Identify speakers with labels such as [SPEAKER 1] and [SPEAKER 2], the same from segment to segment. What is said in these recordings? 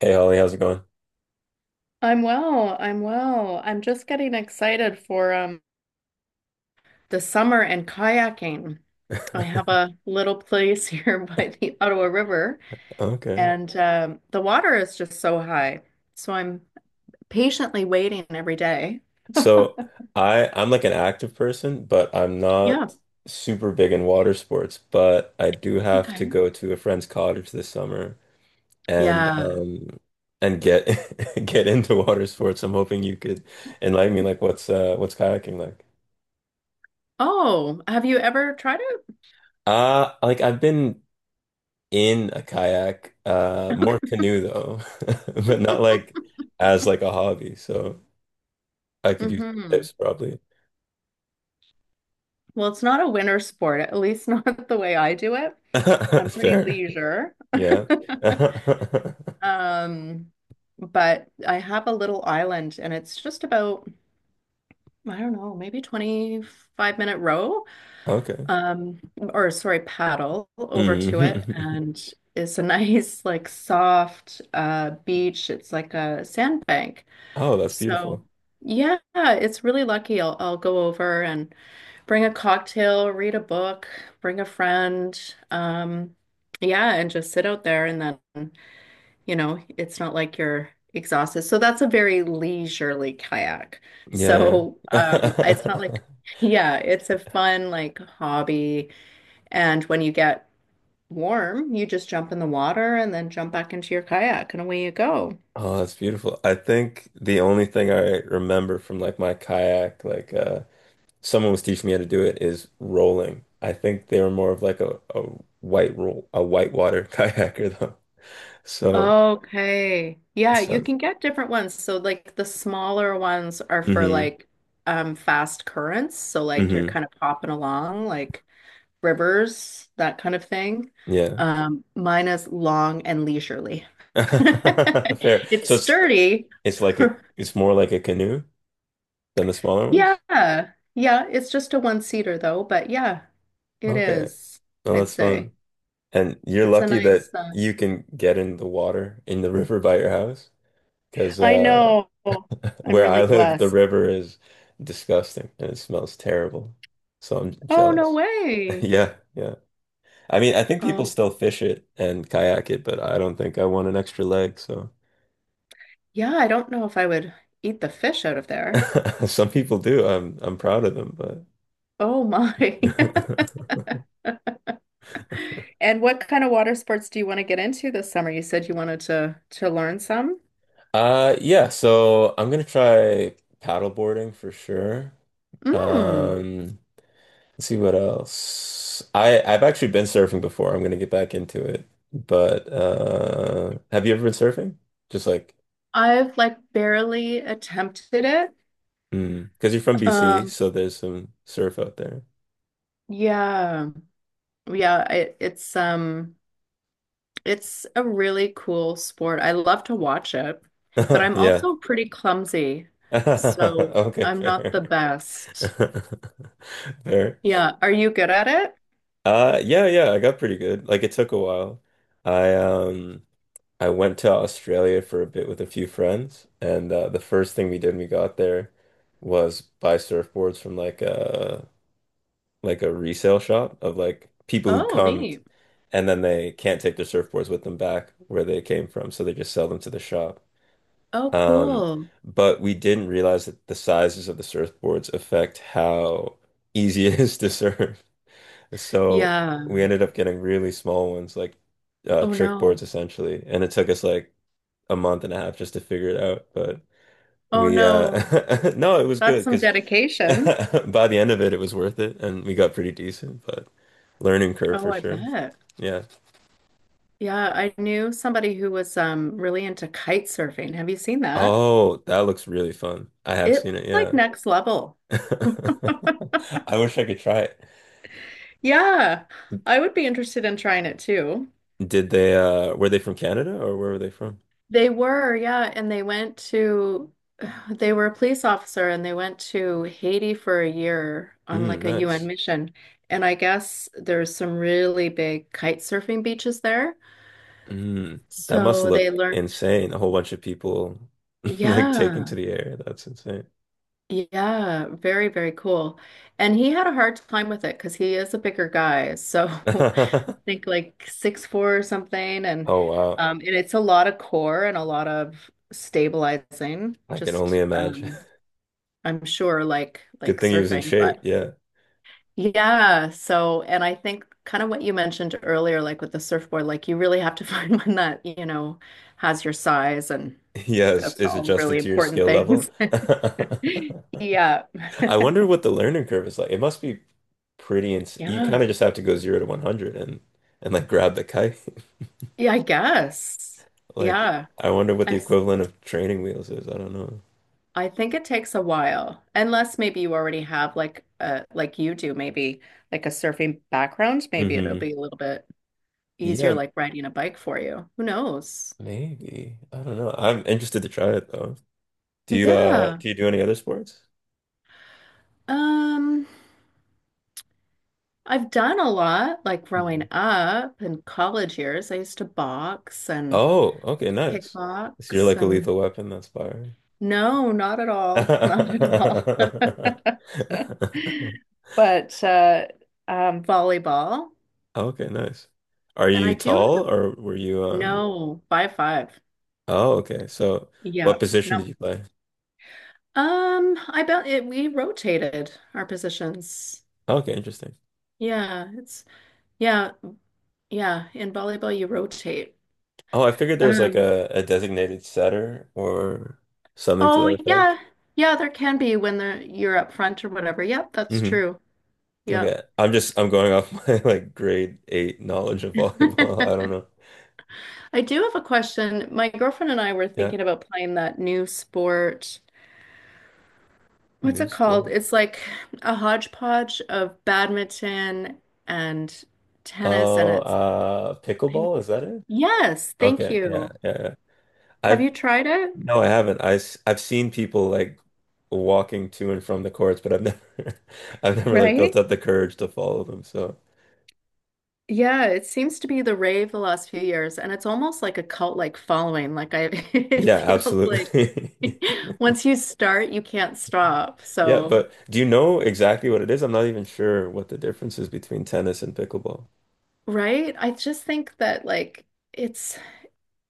[SPEAKER 1] Hey Holly, how's it going?
[SPEAKER 2] I'm well. I'm well. I'm just getting excited for the summer and kayaking. I have a little place here by the Ottawa River,
[SPEAKER 1] Okay.
[SPEAKER 2] and the water is just so high. So I'm patiently waiting every day.
[SPEAKER 1] So I'm like an active person, but I'm
[SPEAKER 2] Yeah.
[SPEAKER 1] not super big in water sports, but I do have to
[SPEAKER 2] Okay.
[SPEAKER 1] go to a friend's cottage this summer and
[SPEAKER 2] Yeah.
[SPEAKER 1] um and get get into water sports. I'm hoping you could enlighten me like what's kayaking like?
[SPEAKER 2] Oh, have you ever tried it?
[SPEAKER 1] Like I've been in a kayak, more canoe though, but not like as like a hobby. So I could
[SPEAKER 2] Okay.
[SPEAKER 1] use
[SPEAKER 2] Hmm.
[SPEAKER 1] tips probably.
[SPEAKER 2] Well, it's not a winter sport, at least not the way I do it. I'm pretty
[SPEAKER 1] Fair.
[SPEAKER 2] leisure.
[SPEAKER 1] Yeah.
[SPEAKER 2] Um, but I have a little island and it's just about, I don't know, maybe 25-minute row,
[SPEAKER 1] Okay.
[SPEAKER 2] or sorry, paddle over to it.
[SPEAKER 1] Mhm.
[SPEAKER 2] And it's a nice, like soft beach. It's like a sandbank.
[SPEAKER 1] Oh, that's beautiful.
[SPEAKER 2] So yeah, it's really lucky. I'll go over and bring a cocktail, read a book, bring a friend, um, yeah, and just sit out there and then it's not like you're exhausted. So that's a very leisurely kayak.
[SPEAKER 1] Yeah,
[SPEAKER 2] So
[SPEAKER 1] yeah.
[SPEAKER 2] it's not like, yeah, it's a fun like hobby. And when you get warm, you just jump in the water and then jump back into your kayak and away you go.
[SPEAKER 1] Oh, that's beautiful. I think the only thing I remember from like my kayak, like someone was teaching me how to do it is rolling. I think they were more of like a white roll a whitewater kayaker though. So
[SPEAKER 2] Okay.
[SPEAKER 1] it
[SPEAKER 2] Yeah, you
[SPEAKER 1] sounds
[SPEAKER 2] can get different ones. So like the smaller ones are for
[SPEAKER 1] mm-hmm.
[SPEAKER 2] like fast currents. So like you're
[SPEAKER 1] Mm-hmm.
[SPEAKER 2] kind of popping along like rivers, that kind of thing.
[SPEAKER 1] Yeah.
[SPEAKER 2] Mine is long and leisurely.
[SPEAKER 1] Fair. So
[SPEAKER 2] It's
[SPEAKER 1] it's
[SPEAKER 2] sturdy.
[SPEAKER 1] it's like a it's more like a canoe than the smaller ones?
[SPEAKER 2] Yeah. Yeah, it's just a one-seater though, but yeah, it
[SPEAKER 1] Okay.
[SPEAKER 2] is,
[SPEAKER 1] Well,
[SPEAKER 2] I'd
[SPEAKER 1] that's
[SPEAKER 2] say.
[SPEAKER 1] fun. And you're
[SPEAKER 2] It's a
[SPEAKER 1] lucky
[SPEAKER 2] nice
[SPEAKER 1] that you can get in the water in the river by your house because
[SPEAKER 2] I know. I'm
[SPEAKER 1] where I
[SPEAKER 2] really
[SPEAKER 1] live, the
[SPEAKER 2] blessed.
[SPEAKER 1] river is disgusting and it smells terrible. So I'm
[SPEAKER 2] Oh, no
[SPEAKER 1] jealous.
[SPEAKER 2] way.
[SPEAKER 1] Yeah, yeah. I mean, I think people
[SPEAKER 2] Um,
[SPEAKER 1] still fish it and kayak it, but I don't think I want an extra leg. So
[SPEAKER 2] yeah, I don't know if I would eat the fish out of there.
[SPEAKER 1] some people do. I'm proud of them, but
[SPEAKER 2] Oh my. And what kind of water sports do you want to get into this summer? You said you wanted to learn some.
[SPEAKER 1] yeah. So I'm gonna try paddleboarding for sure.
[SPEAKER 2] Mm.
[SPEAKER 1] Um, let's see what else. I've actually been surfing before. I'm gonna get back into it. But have you ever been surfing? Just like
[SPEAKER 2] I've like barely attempted it.
[SPEAKER 1] mm, because you're from BC,
[SPEAKER 2] Um,
[SPEAKER 1] so there's some surf out there.
[SPEAKER 2] yeah. Yeah, it's it's a really cool sport. I love to watch it, but I'm
[SPEAKER 1] Yeah.
[SPEAKER 2] also pretty clumsy, so
[SPEAKER 1] Okay,
[SPEAKER 2] I'm not the
[SPEAKER 1] fair.
[SPEAKER 2] best.
[SPEAKER 1] Fair.
[SPEAKER 2] Yeah, are you good at it?
[SPEAKER 1] Yeah, yeah, I got pretty good. Like it took a while. I um I went to Australia for a bit with a few friends and the first thing we did when we got there was buy surfboards from like like a resale shop of like people who
[SPEAKER 2] Oh, neat.
[SPEAKER 1] and then they can't take their surfboards with them back where they came from, so they just sell them to the shop.
[SPEAKER 2] Oh,
[SPEAKER 1] Um,
[SPEAKER 2] cool.
[SPEAKER 1] but we didn't realize that the sizes of the surfboards affect how easy it is to surf. So
[SPEAKER 2] Yeah.
[SPEAKER 1] we ended up getting really small ones, like
[SPEAKER 2] Oh
[SPEAKER 1] trick boards
[SPEAKER 2] no.
[SPEAKER 1] essentially, and it took us like a month and a half just to figure it out. But
[SPEAKER 2] Oh
[SPEAKER 1] we
[SPEAKER 2] no.
[SPEAKER 1] no, it was good
[SPEAKER 2] That's some
[SPEAKER 1] because.
[SPEAKER 2] dedication.
[SPEAKER 1] By the end of it, it was worth it, and we got pretty decent, but learning curve
[SPEAKER 2] Oh,
[SPEAKER 1] for
[SPEAKER 2] I
[SPEAKER 1] sure.
[SPEAKER 2] bet.
[SPEAKER 1] Yeah.
[SPEAKER 2] Yeah, I knew somebody who was really into kite surfing. Have you seen that?
[SPEAKER 1] Oh, that looks really fun. I have
[SPEAKER 2] It's
[SPEAKER 1] seen it,
[SPEAKER 2] like
[SPEAKER 1] yeah.
[SPEAKER 2] next level.
[SPEAKER 1] I wish I could try it.
[SPEAKER 2] Yeah, I would be interested in trying it too.
[SPEAKER 1] Did they were they from Canada or where were they from?
[SPEAKER 2] They were, yeah, and they went to they were a police officer and they went to Haiti for a year on
[SPEAKER 1] Mm,
[SPEAKER 2] like a UN
[SPEAKER 1] nice.
[SPEAKER 2] mission. And I guess there's some really big kite surfing beaches there.
[SPEAKER 1] Mm, that must
[SPEAKER 2] So they
[SPEAKER 1] look
[SPEAKER 2] learned,
[SPEAKER 1] insane. A whole bunch of people like taking to
[SPEAKER 2] yeah.
[SPEAKER 1] the air. That's insane.
[SPEAKER 2] Yeah, very, very cool. And he had a hard time with it because he is a bigger guy. So I think like 6'4" or something. And
[SPEAKER 1] Oh wow.
[SPEAKER 2] um and it's a lot of core and a lot of stabilizing,
[SPEAKER 1] I can only
[SPEAKER 2] just
[SPEAKER 1] imagine.
[SPEAKER 2] I'm sure
[SPEAKER 1] Good
[SPEAKER 2] like
[SPEAKER 1] thing he was in
[SPEAKER 2] surfing.
[SPEAKER 1] shape,
[SPEAKER 2] But
[SPEAKER 1] yeah.
[SPEAKER 2] yeah, so and I think kind of what you mentioned earlier, like with the surfboard, like you really have to find one that, you know, has your size and
[SPEAKER 1] Yeah, is,
[SPEAKER 2] that's
[SPEAKER 1] is
[SPEAKER 2] all really
[SPEAKER 1] adjusted to your
[SPEAKER 2] important
[SPEAKER 1] skill level.
[SPEAKER 2] things. Yeah.
[SPEAKER 1] I wonder what the learning curve is like. It must be pretty ins you
[SPEAKER 2] Yeah.
[SPEAKER 1] kind of just have to go zero to 100 and like grab the kite.
[SPEAKER 2] Yeah, I guess.
[SPEAKER 1] Like
[SPEAKER 2] Yeah.
[SPEAKER 1] I wonder what the
[SPEAKER 2] I've s-
[SPEAKER 1] equivalent of training wheels is. I don't know.
[SPEAKER 2] I think it takes a while. Unless maybe you already have like a like you do maybe like a surfing background, maybe it'll
[SPEAKER 1] Hmm.
[SPEAKER 2] be a little bit easier
[SPEAKER 1] Yeah,
[SPEAKER 2] like riding a bike for you. Who knows?
[SPEAKER 1] maybe. I don't know. I'm interested to try it though. Do you
[SPEAKER 2] Yeah.
[SPEAKER 1] do you do any other sports?
[SPEAKER 2] Um, I've done a lot like growing
[SPEAKER 1] Mm.
[SPEAKER 2] up in college years. I used to box and
[SPEAKER 1] Oh, okay, nice. So you're
[SPEAKER 2] kickbox
[SPEAKER 1] like a
[SPEAKER 2] and
[SPEAKER 1] lethal weapon, that's fire.
[SPEAKER 2] no, not at all. Not at all. But volleyball,
[SPEAKER 1] Oh, okay, nice. Are
[SPEAKER 2] and
[SPEAKER 1] you
[SPEAKER 2] I do have
[SPEAKER 1] tall
[SPEAKER 2] a,
[SPEAKER 1] or were you um
[SPEAKER 2] no, five five.
[SPEAKER 1] oh okay. So
[SPEAKER 2] Yeah,
[SPEAKER 1] what position did
[SPEAKER 2] no.
[SPEAKER 1] you play?
[SPEAKER 2] I bet it, we rotated our positions.
[SPEAKER 1] Oh, okay, interesting.
[SPEAKER 2] Yeah, it's yeah, yeah. In volleyball, you rotate.
[SPEAKER 1] Oh, I figured there was like
[SPEAKER 2] Um,
[SPEAKER 1] a designated setter or something to
[SPEAKER 2] oh
[SPEAKER 1] that effect.
[SPEAKER 2] yeah, yeah. There can be when the you're up front or whatever. Yep, that's
[SPEAKER 1] Hmm.
[SPEAKER 2] true. Yep.
[SPEAKER 1] Okay. I'm just I'm going off my like grade eight knowledge of volleyball. I don't know.
[SPEAKER 2] I do have a question. My girlfriend and I were
[SPEAKER 1] Yeah.
[SPEAKER 2] thinking about playing that new sport. What's
[SPEAKER 1] New
[SPEAKER 2] it called?
[SPEAKER 1] sport.
[SPEAKER 2] It's like a hodgepodge of badminton and tennis, and
[SPEAKER 1] Oh,
[SPEAKER 2] it's
[SPEAKER 1] pickleball, is that it?
[SPEAKER 2] yes, thank
[SPEAKER 1] Okay, yeah,
[SPEAKER 2] you.
[SPEAKER 1] yeah, yeah.
[SPEAKER 2] Have
[SPEAKER 1] I've
[SPEAKER 2] you tried it?
[SPEAKER 1] no, I haven't. I have seen people like walking to and from the courts, but I've never I've never like built
[SPEAKER 2] Right?
[SPEAKER 1] up the courage to follow them. So
[SPEAKER 2] Yeah, it seems to be the rave the last few years, and it's almost like a cult-like following. Like I, it
[SPEAKER 1] yeah,
[SPEAKER 2] feels like
[SPEAKER 1] absolutely.
[SPEAKER 2] once you start, you can't stop.
[SPEAKER 1] Yeah,
[SPEAKER 2] So,
[SPEAKER 1] but do you know exactly what it is? I'm not even sure what the difference is between tennis and pickleball.
[SPEAKER 2] right? I just think that like. It's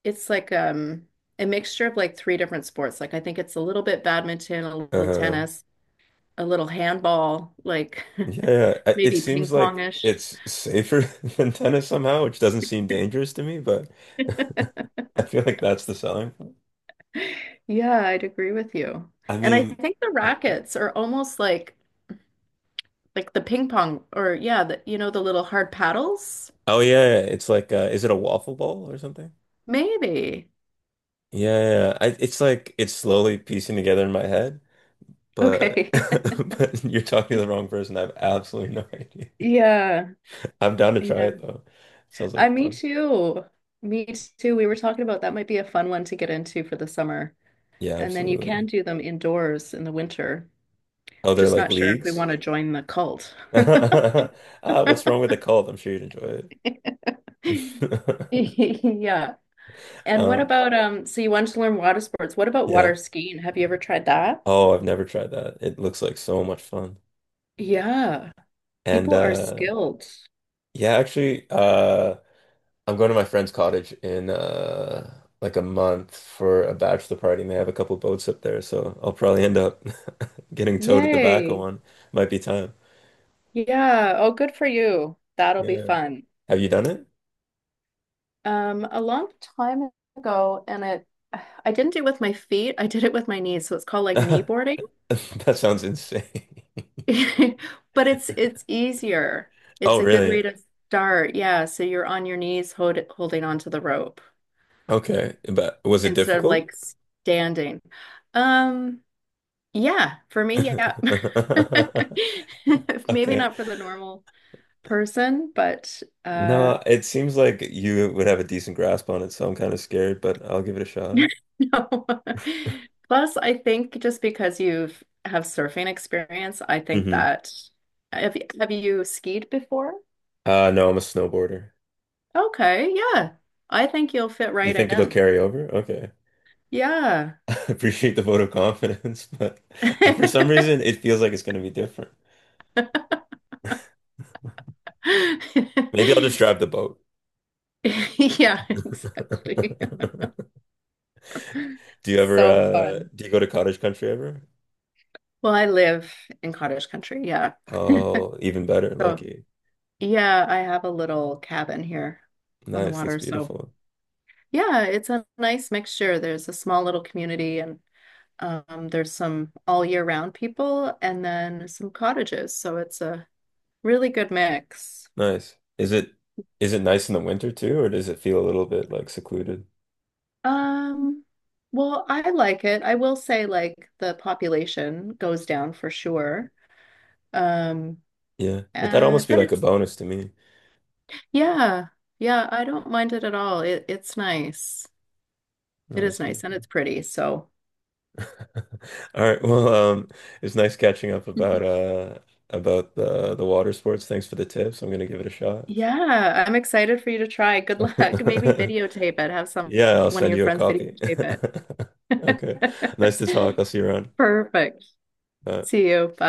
[SPEAKER 2] it's like a mixture of like three different sports. Like I think it's a little bit badminton, a little
[SPEAKER 1] Uh,
[SPEAKER 2] tennis, a little handball, like
[SPEAKER 1] yeah, yeah. I- It
[SPEAKER 2] maybe ping
[SPEAKER 1] seems like
[SPEAKER 2] pongish.
[SPEAKER 1] it's safer than tennis somehow, which doesn't seem dangerous to me, but I feel like that's the selling point.
[SPEAKER 2] Yeah, I'd agree with you.
[SPEAKER 1] I
[SPEAKER 2] And I
[SPEAKER 1] mean,
[SPEAKER 2] think the rackets are almost like the ping pong or yeah, the, you know, the little hard paddles.
[SPEAKER 1] oh yeah, yeah, yeah. It's like is it a waffle ball or something?
[SPEAKER 2] Maybe.
[SPEAKER 1] Yeah, yeah. I, it's like it's slowly piecing together in my head, but
[SPEAKER 2] Okay.
[SPEAKER 1] but you're talking to the wrong person. I have absolutely no idea.
[SPEAKER 2] Yeah.
[SPEAKER 1] I'm down to try
[SPEAKER 2] Yeah.
[SPEAKER 1] it though. Sounds like
[SPEAKER 2] I me
[SPEAKER 1] fun.
[SPEAKER 2] too. Me too. We were talking about that might be a fun one to get into for the summer.
[SPEAKER 1] Yeah,
[SPEAKER 2] And then you
[SPEAKER 1] absolutely.
[SPEAKER 2] can do them indoors in the winter.
[SPEAKER 1] Oh, they're
[SPEAKER 2] Just
[SPEAKER 1] like
[SPEAKER 2] not sure if we
[SPEAKER 1] leagues.
[SPEAKER 2] want to join the cult.
[SPEAKER 1] Ah, what's wrong with the cult? I'm sure you'd enjoy it.
[SPEAKER 2] Yeah. And what
[SPEAKER 1] Uh,
[SPEAKER 2] about so you wanted to learn water sports. What about
[SPEAKER 1] yeah.
[SPEAKER 2] water skiing? Have you ever tried that?
[SPEAKER 1] Oh, I've never tried that. It looks like so much fun.
[SPEAKER 2] Yeah.
[SPEAKER 1] And
[SPEAKER 2] People are skilled.
[SPEAKER 1] yeah, actually, I'm going to my friend's cottage in like a month for a bachelor party, and they have a couple boats up there, so I'll probably end up getting towed at the back of
[SPEAKER 2] Yay.
[SPEAKER 1] one. Might be time.
[SPEAKER 2] Yeah. Oh, good for you. That'll be
[SPEAKER 1] Yeah.
[SPEAKER 2] fun.
[SPEAKER 1] Have you done it?
[SPEAKER 2] A long time ago, and it I didn't do it with my feet. I did it with my knees. So it's called like knee boarding.
[SPEAKER 1] That sounds insane.
[SPEAKER 2] But it's easier. It's
[SPEAKER 1] Oh,
[SPEAKER 2] a good
[SPEAKER 1] really?
[SPEAKER 2] way to start. Yeah, so you're on your knees hold, holding onto the rope
[SPEAKER 1] Okay. But was it
[SPEAKER 2] instead of
[SPEAKER 1] difficult?
[SPEAKER 2] like standing. Um, yeah, for me, yeah. Maybe
[SPEAKER 1] Okay.
[SPEAKER 2] not for the normal person, but
[SPEAKER 1] No, it seems like you would have a decent grasp on it, so I'm kind of scared, but I'll give it a shot.
[SPEAKER 2] no. Plus, I think just because you've have surfing experience, I think
[SPEAKER 1] Hmm.
[SPEAKER 2] that have you skied before?
[SPEAKER 1] No, I'm a snowboarder.
[SPEAKER 2] Okay, yeah. I think you'll fit
[SPEAKER 1] You
[SPEAKER 2] right
[SPEAKER 1] think it'll
[SPEAKER 2] in.
[SPEAKER 1] carry over? Okay.
[SPEAKER 2] Yeah.
[SPEAKER 1] I appreciate the vote of confidence, but for some reason it feels like it's going to be different. Maybe I'll just drive the boat.
[SPEAKER 2] Yeah, exactly.
[SPEAKER 1] Do you ever
[SPEAKER 2] So fun.
[SPEAKER 1] do you go to cottage country ever?
[SPEAKER 2] Well, I live in cottage country. Yeah.
[SPEAKER 1] Oh, even better,
[SPEAKER 2] So,
[SPEAKER 1] lucky.
[SPEAKER 2] yeah, I have a little cabin here on the
[SPEAKER 1] Nice, that's
[SPEAKER 2] water. So,
[SPEAKER 1] beautiful.
[SPEAKER 2] yeah, it's a nice mixture. There's a small little community and there's some all year round people and then some cottages. So, it's a really good mix.
[SPEAKER 1] Nice. Is it nice in the winter too, or does it feel a little bit like secluded?
[SPEAKER 2] Um, well, I like it. I will say like the population goes down for sure. Um,
[SPEAKER 1] Yeah, but that'd almost be
[SPEAKER 2] but
[SPEAKER 1] like a
[SPEAKER 2] it's
[SPEAKER 1] bonus to me.
[SPEAKER 2] yeah, yeah, I don't mind it at all. It it's nice. It
[SPEAKER 1] No, that's
[SPEAKER 2] is nice and
[SPEAKER 1] beautiful.
[SPEAKER 2] it's pretty. So
[SPEAKER 1] All right, well, it's nice catching up about the water sports. Thanks for the tips. I'm gonna give it a shot.
[SPEAKER 2] yeah, I'm excited for you to try. Good luck. Maybe videotape it. Have some
[SPEAKER 1] Yeah, I'll
[SPEAKER 2] one of
[SPEAKER 1] send
[SPEAKER 2] your
[SPEAKER 1] you a
[SPEAKER 2] friends
[SPEAKER 1] copy.
[SPEAKER 2] videotape
[SPEAKER 1] Okay. Nice to talk.
[SPEAKER 2] it.
[SPEAKER 1] I'll see you around.
[SPEAKER 2] Perfect.
[SPEAKER 1] Bye.
[SPEAKER 2] See you. Bye.